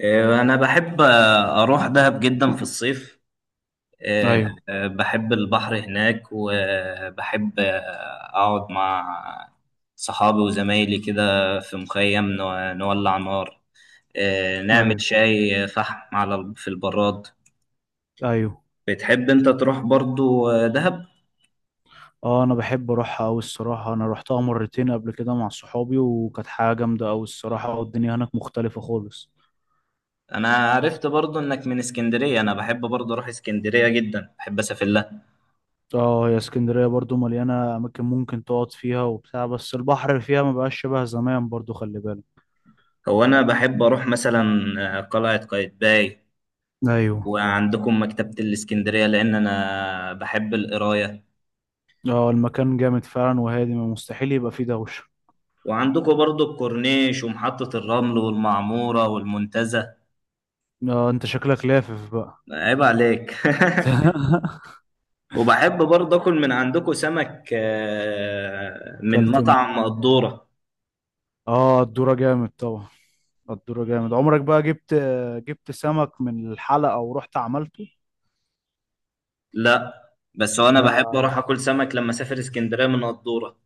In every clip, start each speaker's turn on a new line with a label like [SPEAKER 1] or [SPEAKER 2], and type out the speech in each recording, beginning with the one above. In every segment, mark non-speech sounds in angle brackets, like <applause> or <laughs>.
[SPEAKER 1] أنا بحب أروح دهب جدا في الصيف. أه،
[SPEAKER 2] ايوه،
[SPEAKER 1] أه، بحب البحر هناك وبحب أقعد مع صحابي وزمايلي كده في مخيم نولع نار. نعمل
[SPEAKER 2] ايوه،
[SPEAKER 1] شاي فحم في البراد.
[SPEAKER 2] ايوه.
[SPEAKER 1] بتحب أنت تروح برضو دهب؟
[SPEAKER 2] اه، انا بحب اروحها اوي الصراحه. انا روحتها مرتين قبل كده مع صحابي، وكانت حاجه جامده اوي الصراحه، والدنيا هناك مختلفه خالص.
[SPEAKER 1] أنا عرفت برضو إنك من اسكندرية، أنا بحب برضو أروح اسكندرية جدا، بحب أسافر لها.
[SPEAKER 2] اه، هي اسكندريه برضو مليانه اماكن ممكن تقعد فيها وبتاع، بس البحر فيها ما بقاش شبه زمان برضو، خلي بالك.
[SPEAKER 1] هو أنا بحب أروح مثلا قلعة قايتباي،
[SPEAKER 2] ايوه.
[SPEAKER 1] وعندكم مكتبة الإسكندرية لأن أنا بحب القراية.
[SPEAKER 2] اه، المكان جامد فعلا، وهادي ما مستحيل يبقى فيه دوشه.
[SPEAKER 1] وعندكم برضو الكورنيش ومحطة الرمل والمعمورة والمنتزه.
[SPEAKER 2] اه، انت شكلك لافف بقى.
[SPEAKER 1] عيب عليك.
[SPEAKER 2] <laughs>
[SPEAKER 1] <laughs> وبحب برضو أكل من عندكم سمك من
[SPEAKER 2] كلت م-
[SPEAKER 1] مطعم قدورة.
[SPEAKER 2] اه، الدورة جامد طبعا. الدورة جامد، عمرك بقى جبت سمك من الحلقة ورحت عملته؟
[SPEAKER 1] لا، بس هو أنا
[SPEAKER 2] ده
[SPEAKER 1] بحب أروح أكل سمك لما أسافر إسكندرية من قدورة.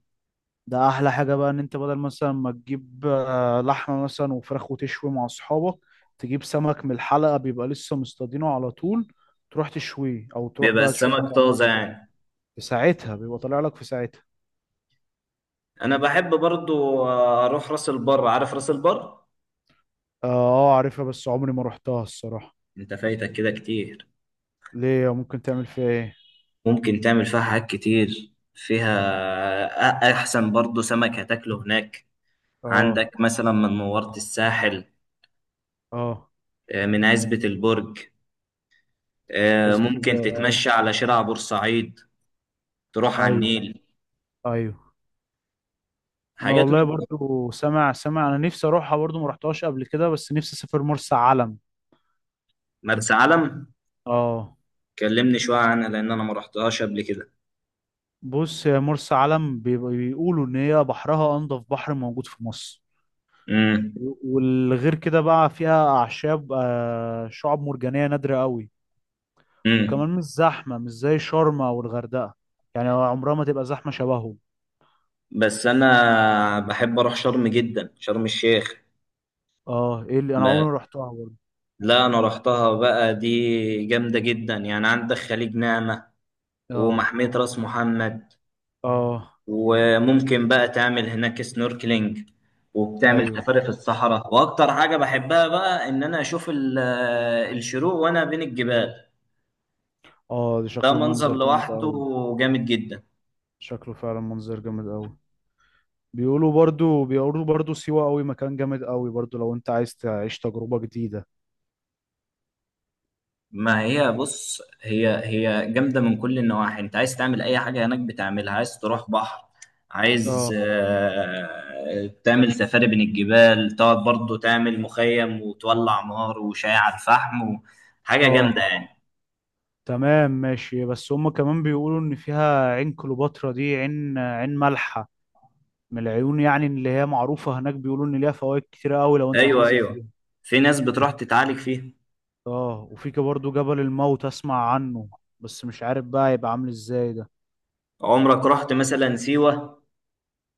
[SPEAKER 2] ده احلى حاجه، بقى ان انت بدل مثلا ما تجيب لحمه مثلا وفراخ وتشوي مع اصحابك، تجيب سمك من الحلقه بيبقى لسه مصطادينه على طول، تروح تشويه او تروح
[SPEAKER 1] بيبقى
[SPEAKER 2] بقى تشوف
[SPEAKER 1] السمك
[SPEAKER 2] هتعمله
[SPEAKER 1] طازة
[SPEAKER 2] ازاي.
[SPEAKER 1] يعني.
[SPEAKER 2] في ساعتها بيبقى طالع لك في ساعتها.
[SPEAKER 1] أنا بحب برضو أروح راس البر، عارف راس البر؟
[SPEAKER 2] اه، عارفها بس عمري ما رحتها الصراحه.
[SPEAKER 1] أنت فايتك كده كتير.
[SPEAKER 2] ليه؟ ممكن تعمل فيها ايه؟
[SPEAKER 1] ممكن تعمل فيها حاجات كتير فيها. أحسن برضو سمك هتاكله هناك.
[SPEAKER 2] اه.
[SPEAKER 1] عندك مثلا من منورة الساحل،
[SPEAKER 2] اه.
[SPEAKER 1] من عزبة البرج،
[SPEAKER 2] عزبة
[SPEAKER 1] ممكن
[SPEAKER 2] البقر. اه.
[SPEAKER 1] تتمشى على شارع بورسعيد، تروح على
[SPEAKER 2] ايوه.
[SPEAKER 1] النيل،
[SPEAKER 2] ايوه. انا
[SPEAKER 1] حاجات من
[SPEAKER 2] والله
[SPEAKER 1] كده.
[SPEAKER 2] برضو سامع سامع، انا نفسي اروحها برضو، ما رحتهاش قبل كده، بس نفسي اسافر مرسى علم.
[SPEAKER 1] مرسى علم،
[SPEAKER 2] اه.
[SPEAKER 1] كلمني شوية عنها لأن أنا ما رحتهاش قبل كده.
[SPEAKER 2] بص، يا مرسى علم بيقولوا ان هي بحرها انضف بحر موجود في مصر.
[SPEAKER 1] امم.
[SPEAKER 2] والغير كده بقى فيها اعشاب، شعاب مرجانيه نادره قوي.
[SPEAKER 1] امم.
[SPEAKER 2] وكمان مش زحمه، مش زي شرم او الغردقه. يعني عمرها ما تبقى زحمه شبههم.
[SPEAKER 1] بس أنا بحب أروح شرم جدا، شرم الشيخ.
[SPEAKER 2] اه. ايه اللي انا عمري
[SPEAKER 1] ب-
[SPEAKER 2] ما رحتها برضه.
[SPEAKER 1] لا، أنا رحتها بقى، دي جامدة جدا يعني. عندك خليج نعمة
[SPEAKER 2] اه.
[SPEAKER 1] ومحمية راس محمد،
[SPEAKER 2] اه.
[SPEAKER 1] وممكن بقى تعمل هناك سنوركلينج، وبتعمل
[SPEAKER 2] ايوه.
[SPEAKER 1] سفاري في الصحراء. واكتر حاجة بحبها بقى ان انا اشوف الشروق وانا بين الجبال.
[SPEAKER 2] اه، ده
[SPEAKER 1] ده
[SPEAKER 2] شكله
[SPEAKER 1] منظر
[SPEAKER 2] منظر جامد
[SPEAKER 1] لوحده
[SPEAKER 2] قوي.
[SPEAKER 1] جامد جدا.
[SPEAKER 2] شكله فعلا منظر جامد قوي. بيقولوا برضو سيوه قوي مكان جامد قوي برضو، لو انت عايز تعيش تجربه جديده.
[SPEAKER 1] ما هي بص هي جامدة من كل النواحي. انت عايز تعمل اي حاجة هناك بتعملها، عايز تروح بحر، عايز
[SPEAKER 2] اه.
[SPEAKER 1] تعمل سفاري بين الجبال، تقعد برضه تعمل مخيم وتولع نار وشاي على الفحم حاجة جامدة
[SPEAKER 2] اه،
[SPEAKER 1] يعني.
[SPEAKER 2] تمام، ماشي. بس هم كمان بيقولوا ان فيها عين كليوباترا، دي عين مالحة من العيون، يعني اللي هي معروفة هناك. بيقولوا ان ليها فوائد كتيرة قوي لو انت
[SPEAKER 1] ايوه،
[SPEAKER 2] هتنزل
[SPEAKER 1] ايوه،
[SPEAKER 2] فيها.
[SPEAKER 1] في ناس بتروح تتعالج فيها.
[SPEAKER 2] اه، وفي كده برضه جبل الموت، اسمع عنه. بس مش عارف بقى هيبقى عامل ازاي ده.
[SPEAKER 1] عمرك رحت مثلا سيوة؟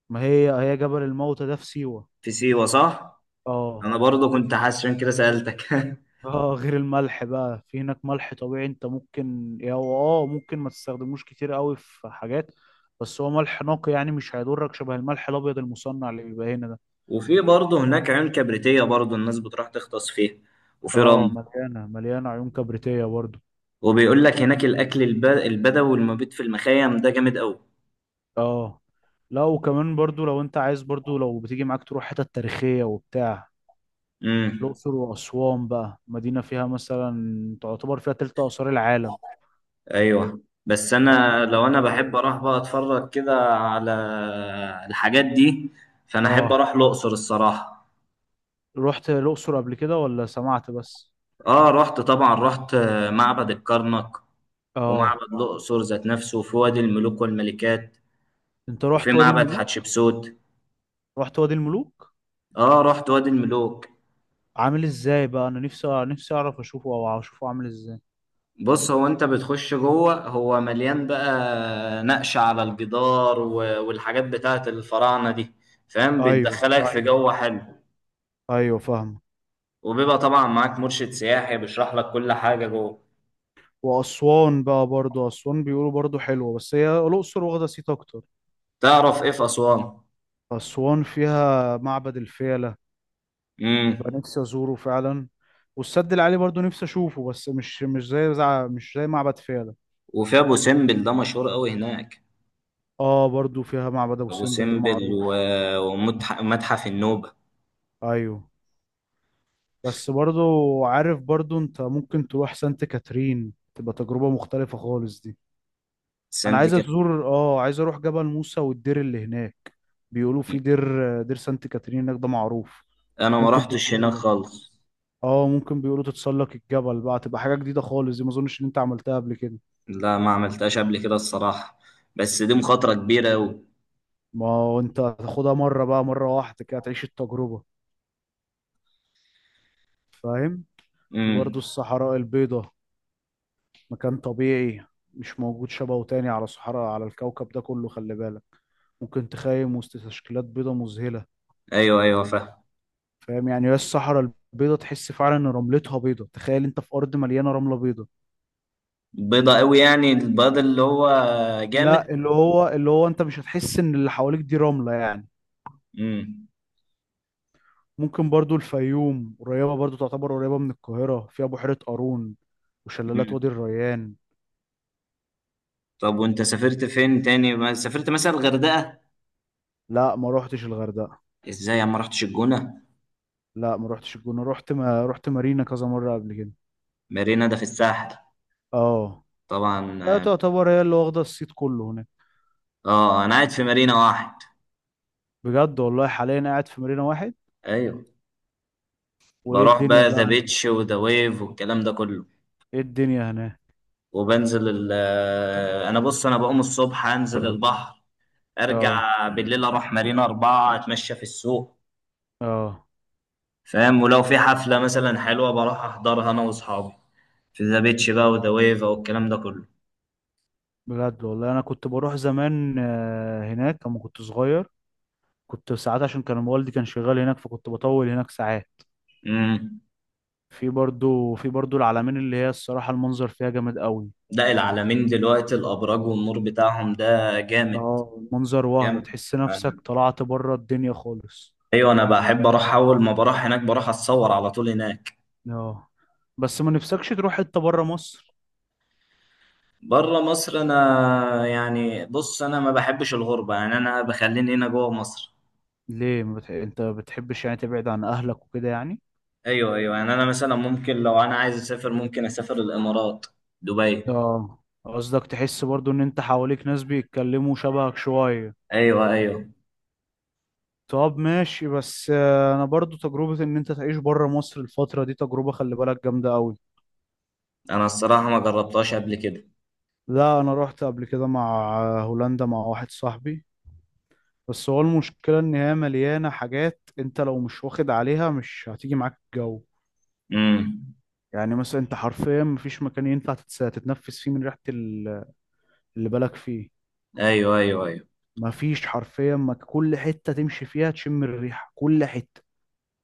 [SPEAKER 2] ما هي هي جبل الموت ده في سيوة.
[SPEAKER 1] في سيوة، صح.
[SPEAKER 2] اه.
[SPEAKER 1] انا برضو كنت حاسس عشان كده سألتك. <laughs>
[SPEAKER 2] اه، غير الملح بقى، في هناك ملح طبيعي انت ممكن يا هو. اه، ممكن ما تستخدموش كتير قوي في حاجات، بس هو ملح نقي يعني، مش هيضرك شبه الملح الابيض المصنع اللي بيبقى هنا ده.
[SPEAKER 1] وفي برضو هناك عيون كبريتية، برضو الناس بتروح تغطس فيها وفي
[SPEAKER 2] اه،
[SPEAKER 1] رمل.
[SPEAKER 2] مليانة مليانة عيون كبريتية برضو.
[SPEAKER 1] وبيقول لك هناك الاكل البدوي والمبيت في المخيم ده جامد قوي.
[SPEAKER 2] اه. لا، وكمان برضو لو انت عايز، برضو لو بتيجي معاك تروح حتت تاريخية وبتاع،
[SPEAKER 1] امم.
[SPEAKER 2] الأقصر وأسوان بقى، مدينة فيها مثلا تعتبر فيها تلت آثار العالم.
[SPEAKER 1] ايوه، بس
[SPEAKER 2] وانا ب...
[SPEAKER 1] انا لو انا،
[SPEAKER 2] اه.
[SPEAKER 1] بحب اروح بقى اتفرج كده على الحاجات دي، فانا احب
[SPEAKER 2] اه،
[SPEAKER 1] اروح الاقصر الصراحة.
[SPEAKER 2] رحت الأقصر قبل كده ولا سمعت بس؟
[SPEAKER 1] اه، رحت طبعا، رحت معبد الكرنك ومعبد
[SPEAKER 2] اه.
[SPEAKER 1] الأقصر ذات نفسه، وفي وادي الملوك والملكات
[SPEAKER 2] انت
[SPEAKER 1] وفي
[SPEAKER 2] رحت وادي
[SPEAKER 1] معبد
[SPEAKER 2] الملوك؟
[SPEAKER 1] حتشبسوت.
[SPEAKER 2] رحت وادي الملوك؟
[SPEAKER 1] اه، رحت وادي الملوك.
[SPEAKER 2] عامل ازاي بقى، انا نفسي نفسي اعرف اشوفه او اشوفه عامل ازاي.
[SPEAKER 1] بص، هو انت بتخش جوه، هو مليان بقى نقش على الجدار والحاجات بتاعت الفراعنة دي، فاهم،
[SPEAKER 2] ايوه،
[SPEAKER 1] بتدخلك في
[SPEAKER 2] ايوه،
[SPEAKER 1] جو حلو.
[SPEAKER 2] ايوه، فاهم.
[SPEAKER 1] وبيبقى طبعا معاك مرشد سياحي بيشرح لك كل حاجة جوه.
[SPEAKER 2] وأسوان بقى برضو، أسوان بيقولوا برضو حلوة، بس هي الأقصر واخدة صيت أكتر.
[SPEAKER 1] تعرف ايه في أسوان؟
[SPEAKER 2] أسوان فيها معبد الفيلة، بقى
[SPEAKER 1] امم.
[SPEAKER 2] نفسي أزوره فعلا. والسد العالي برضو نفسي أشوفه، بس مش زي معبد فيلة.
[SPEAKER 1] وفي أبو سمبل ده مشهور قوي هناك.
[SPEAKER 2] برضو فيها معبد أبو
[SPEAKER 1] أبو
[SPEAKER 2] سمبل ده
[SPEAKER 1] سمبل
[SPEAKER 2] معروف.
[SPEAKER 1] ومتحف النوبة.
[SPEAKER 2] أيوه. بس برضو عارف برضو، أنت ممكن تروح سانت كاترين، تبقى تجربة مختلفة خالص دي. أنا
[SPEAKER 1] سانت
[SPEAKER 2] عايز
[SPEAKER 1] كاترين،
[SPEAKER 2] أزور آه عايز أروح جبل موسى والدير اللي هناك. بيقولوا في دير سانت كاترين هناك ده معروف.
[SPEAKER 1] انا ما
[SPEAKER 2] ممكن
[SPEAKER 1] رحتش هناك
[SPEAKER 2] تتسلق.
[SPEAKER 1] خالص.
[SPEAKER 2] اه، ممكن بيقولوا تتسلق الجبل بقى، تبقى حاجة جديدة خالص دي، ما اظنش ان انت عملتها قبل كده.
[SPEAKER 1] لا، ما عملتهاش قبل كده الصراحة. بس دي مخاطرة كبيرة أوي.
[SPEAKER 2] ما هو انت هتاخدها مرة بقى، مرة واحدة كده تعيش التجربة. فاهم. في برضو
[SPEAKER 1] امم.
[SPEAKER 2] الصحراء البيضاء، مكان طبيعي مش موجود شبهه تاني على صحراء، على الكوكب ده كله، خلي بالك. ممكن تخيم وسط تشكيلات بيضاء مذهلة.
[SPEAKER 1] ايوه، ايوه، فاهم.
[SPEAKER 2] فاهم، يعني هي الصحراء البيضاء تحس فعلا ان رملتها بيضاء. تخيل انت في ارض مليانة رملة بيضاء.
[SPEAKER 1] بيضة أوي يعني، البيض اللي هو
[SPEAKER 2] لا،
[SPEAKER 1] جامد.
[SPEAKER 2] اللي هو انت مش هتحس ان اللي حواليك دي رملة يعني.
[SPEAKER 1] امم.
[SPEAKER 2] ممكن برضو الفيوم قريبة، برضو تعتبر قريبة من القاهرة، فيها بحيرة قارون وشلالات وادي
[SPEAKER 1] امم.
[SPEAKER 2] الريان.
[SPEAKER 1] طب وانت سافرت فين تاني؟ ما سافرت مثلا الغردقة؟
[SPEAKER 2] لا، ما روحتش الغردقة.
[SPEAKER 1] ازاي، انا ما رحتش الجونة.
[SPEAKER 2] لا، ما روحتش الجونة. رحت ما رحت مارينا كذا مرة قبل كده.
[SPEAKER 1] مارينا ده في الساحل،
[SPEAKER 2] اه.
[SPEAKER 1] طبعا
[SPEAKER 2] لا،
[SPEAKER 1] اه.
[SPEAKER 2] تعتبر هي اللي واخدة الصيت كله هناك.
[SPEAKER 1] انا قاعد في مارينا واحد.
[SPEAKER 2] بجد، والله حاليا قاعد في مارينا واحد.
[SPEAKER 1] ايوه،
[SPEAKER 2] وايه
[SPEAKER 1] بروح
[SPEAKER 2] الدنيا
[SPEAKER 1] بقى
[SPEAKER 2] بقى
[SPEAKER 1] ذا
[SPEAKER 2] هناك؟
[SPEAKER 1] بيتش وذا ويف والكلام ده كله،
[SPEAKER 2] ايه الدنيا هناك؟
[SPEAKER 1] وبنزل ال آه، انا بص، انا بقوم الصبح انزل البحر،
[SPEAKER 2] اه.
[SPEAKER 1] ارجع بالليل اروح مارينا اربعة، اتمشى في السوق،
[SPEAKER 2] اه.
[SPEAKER 1] فاهم. ولو في حفلة مثلا حلوة بروح احضرها انا واصحابي في ذا بيتش بقى وذا ويفا والكلام ده كله.
[SPEAKER 2] بجد، والله انا كنت بروح زمان هناك لما كنت صغير. كنت ساعات عشان كان والدي كان شغال هناك، فكنت بطول هناك ساعات.
[SPEAKER 1] امم.
[SPEAKER 2] في برضو العلمين اللي هي الصراحة المنظر فيها جامد قوي.
[SPEAKER 1] ده العالمين دلوقتي الابراج والنور بتاعهم ده جامد.
[SPEAKER 2] اه، المنظر وهم
[SPEAKER 1] جامد.
[SPEAKER 2] تحس
[SPEAKER 1] أنا.
[SPEAKER 2] نفسك طلعت بره الدنيا خالص.
[SPEAKER 1] ايوه، انا بحب اروح، اول ما بروح هناك بروح اتصور على طول هناك.
[SPEAKER 2] اه، بس ما نفسكش تروح حتة بره مصر؟
[SPEAKER 1] بره مصر، انا يعني بص، انا ما بحبش الغربة يعني، انا بخليني هنا جوه مصر.
[SPEAKER 2] ليه، ما بتح... انت بتحبش يعني تبعد عن اهلك وكده يعني؟
[SPEAKER 1] ايوه، ايوه، يعني انا مثلا ممكن لو انا، عايز اسافر، ممكن اسافر الامارات، دبي.
[SPEAKER 2] اه، قصدك تحس برضو ان انت حواليك ناس بيتكلموا شبهك شوية.
[SPEAKER 1] ايوه، ايوه.
[SPEAKER 2] طب ماشي، بس انا برضو تجربة ان انت تعيش بره مصر الفترة دي تجربة، خلي بالك جامدة قوي.
[SPEAKER 1] انا الصراحه ما جربتهاش قبل كده.
[SPEAKER 2] لا، انا رحت قبل كده مع هولندا مع واحد صاحبي. بس هو المشكلة إن هي مليانة حاجات، أنت لو مش واخد عليها مش هتيجي معاك الجو.
[SPEAKER 1] امم.
[SPEAKER 2] يعني مثلا أنت حرفيا مفيش مكان ينفع تتنفس فيه من ريحة اللي بالك فيه.
[SPEAKER 1] ايوه، ايوه، ايوه.
[SPEAKER 2] مفيش حرفيا، ما كل حتة تمشي فيها تشم الريحة كل حتة.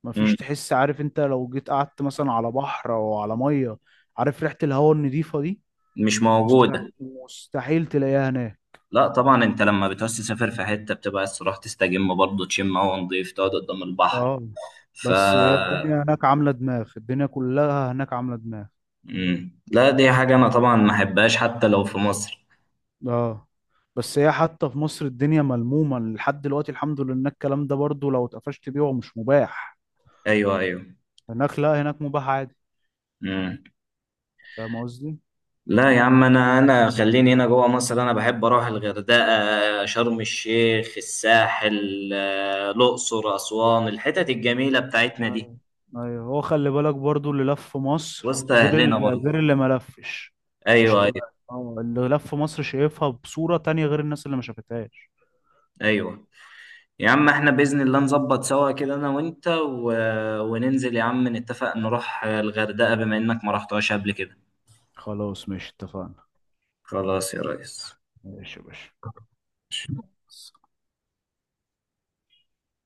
[SPEAKER 2] مفيش،
[SPEAKER 1] امم.
[SPEAKER 2] تحس، عارف أنت لو جيت قعدت مثلا على بحر أو على مية، عارف ريحة الهواء النضيفة دي
[SPEAKER 1] مش
[SPEAKER 2] مست-
[SPEAKER 1] موجوده.
[SPEAKER 2] مستحيل تلاقيها هناك.
[SPEAKER 1] لا طبعا، انت لما بتعوز تسافر في حته بتبقى عايز تروح تستجم برضه، تشم هوا نضيف، تقعد قدام البحر،
[SPEAKER 2] اه،
[SPEAKER 1] ف
[SPEAKER 2] بس هي الدنيا هناك عاملة دماغ، الدنيا كلها هناك عاملة دماغ.
[SPEAKER 1] امم، لا دي حاجه انا طبعا ما احبهاش حتى لو في مصر.
[SPEAKER 2] اه، بس هي حتى في مصر الدنيا ملمومة لحد دلوقتي، الحمد لله، إنك الكلام ده برضو لو اتقفشت بيه هو مش مباح.
[SPEAKER 1] ايوه، ايوه.
[SPEAKER 2] هناك لا، هناك مباح عادي.
[SPEAKER 1] امم.
[SPEAKER 2] فاهم قصدي؟
[SPEAKER 1] لا يا عم، انا خليني هنا جوه مصر. انا بحب اروح الغردقه، شرم الشيخ، الساحل، الاقصر، اسوان، الحتت الجميله بتاعتنا دي
[SPEAKER 2] أيوة. ايوه، هو خلي بالك برضو اللي لف في مصر
[SPEAKER 1] وسط
[SPEAKER 2] غير
[SPEAKER 1] اهلنا
[SPEAKER 2] اللي
[SPEAKER 1] برضه.
[SPEAKER 2] غير اللي ما لفش. مش
[SPEAKER 1] ايوه، ايوه،
[SPEAKER 2] هتبقى، اللي لف في مصر شايفها بصورة تانية غير الناس اللي ما شافتهاش.
[SPEAKER 1] ايوه يا عم. احنا باذن الله نظبط سوا كده انا وانت و... وننزل يا عم، نتفق نروح الغردقه بما انك ما رحتهاش قبل كده.
[SPEAKER 2] خلاص ماشي، اتفقنا.
[SPEAKER 1] خلاص يا ريس.
[SPEAKER 2] ماشي يا باشا.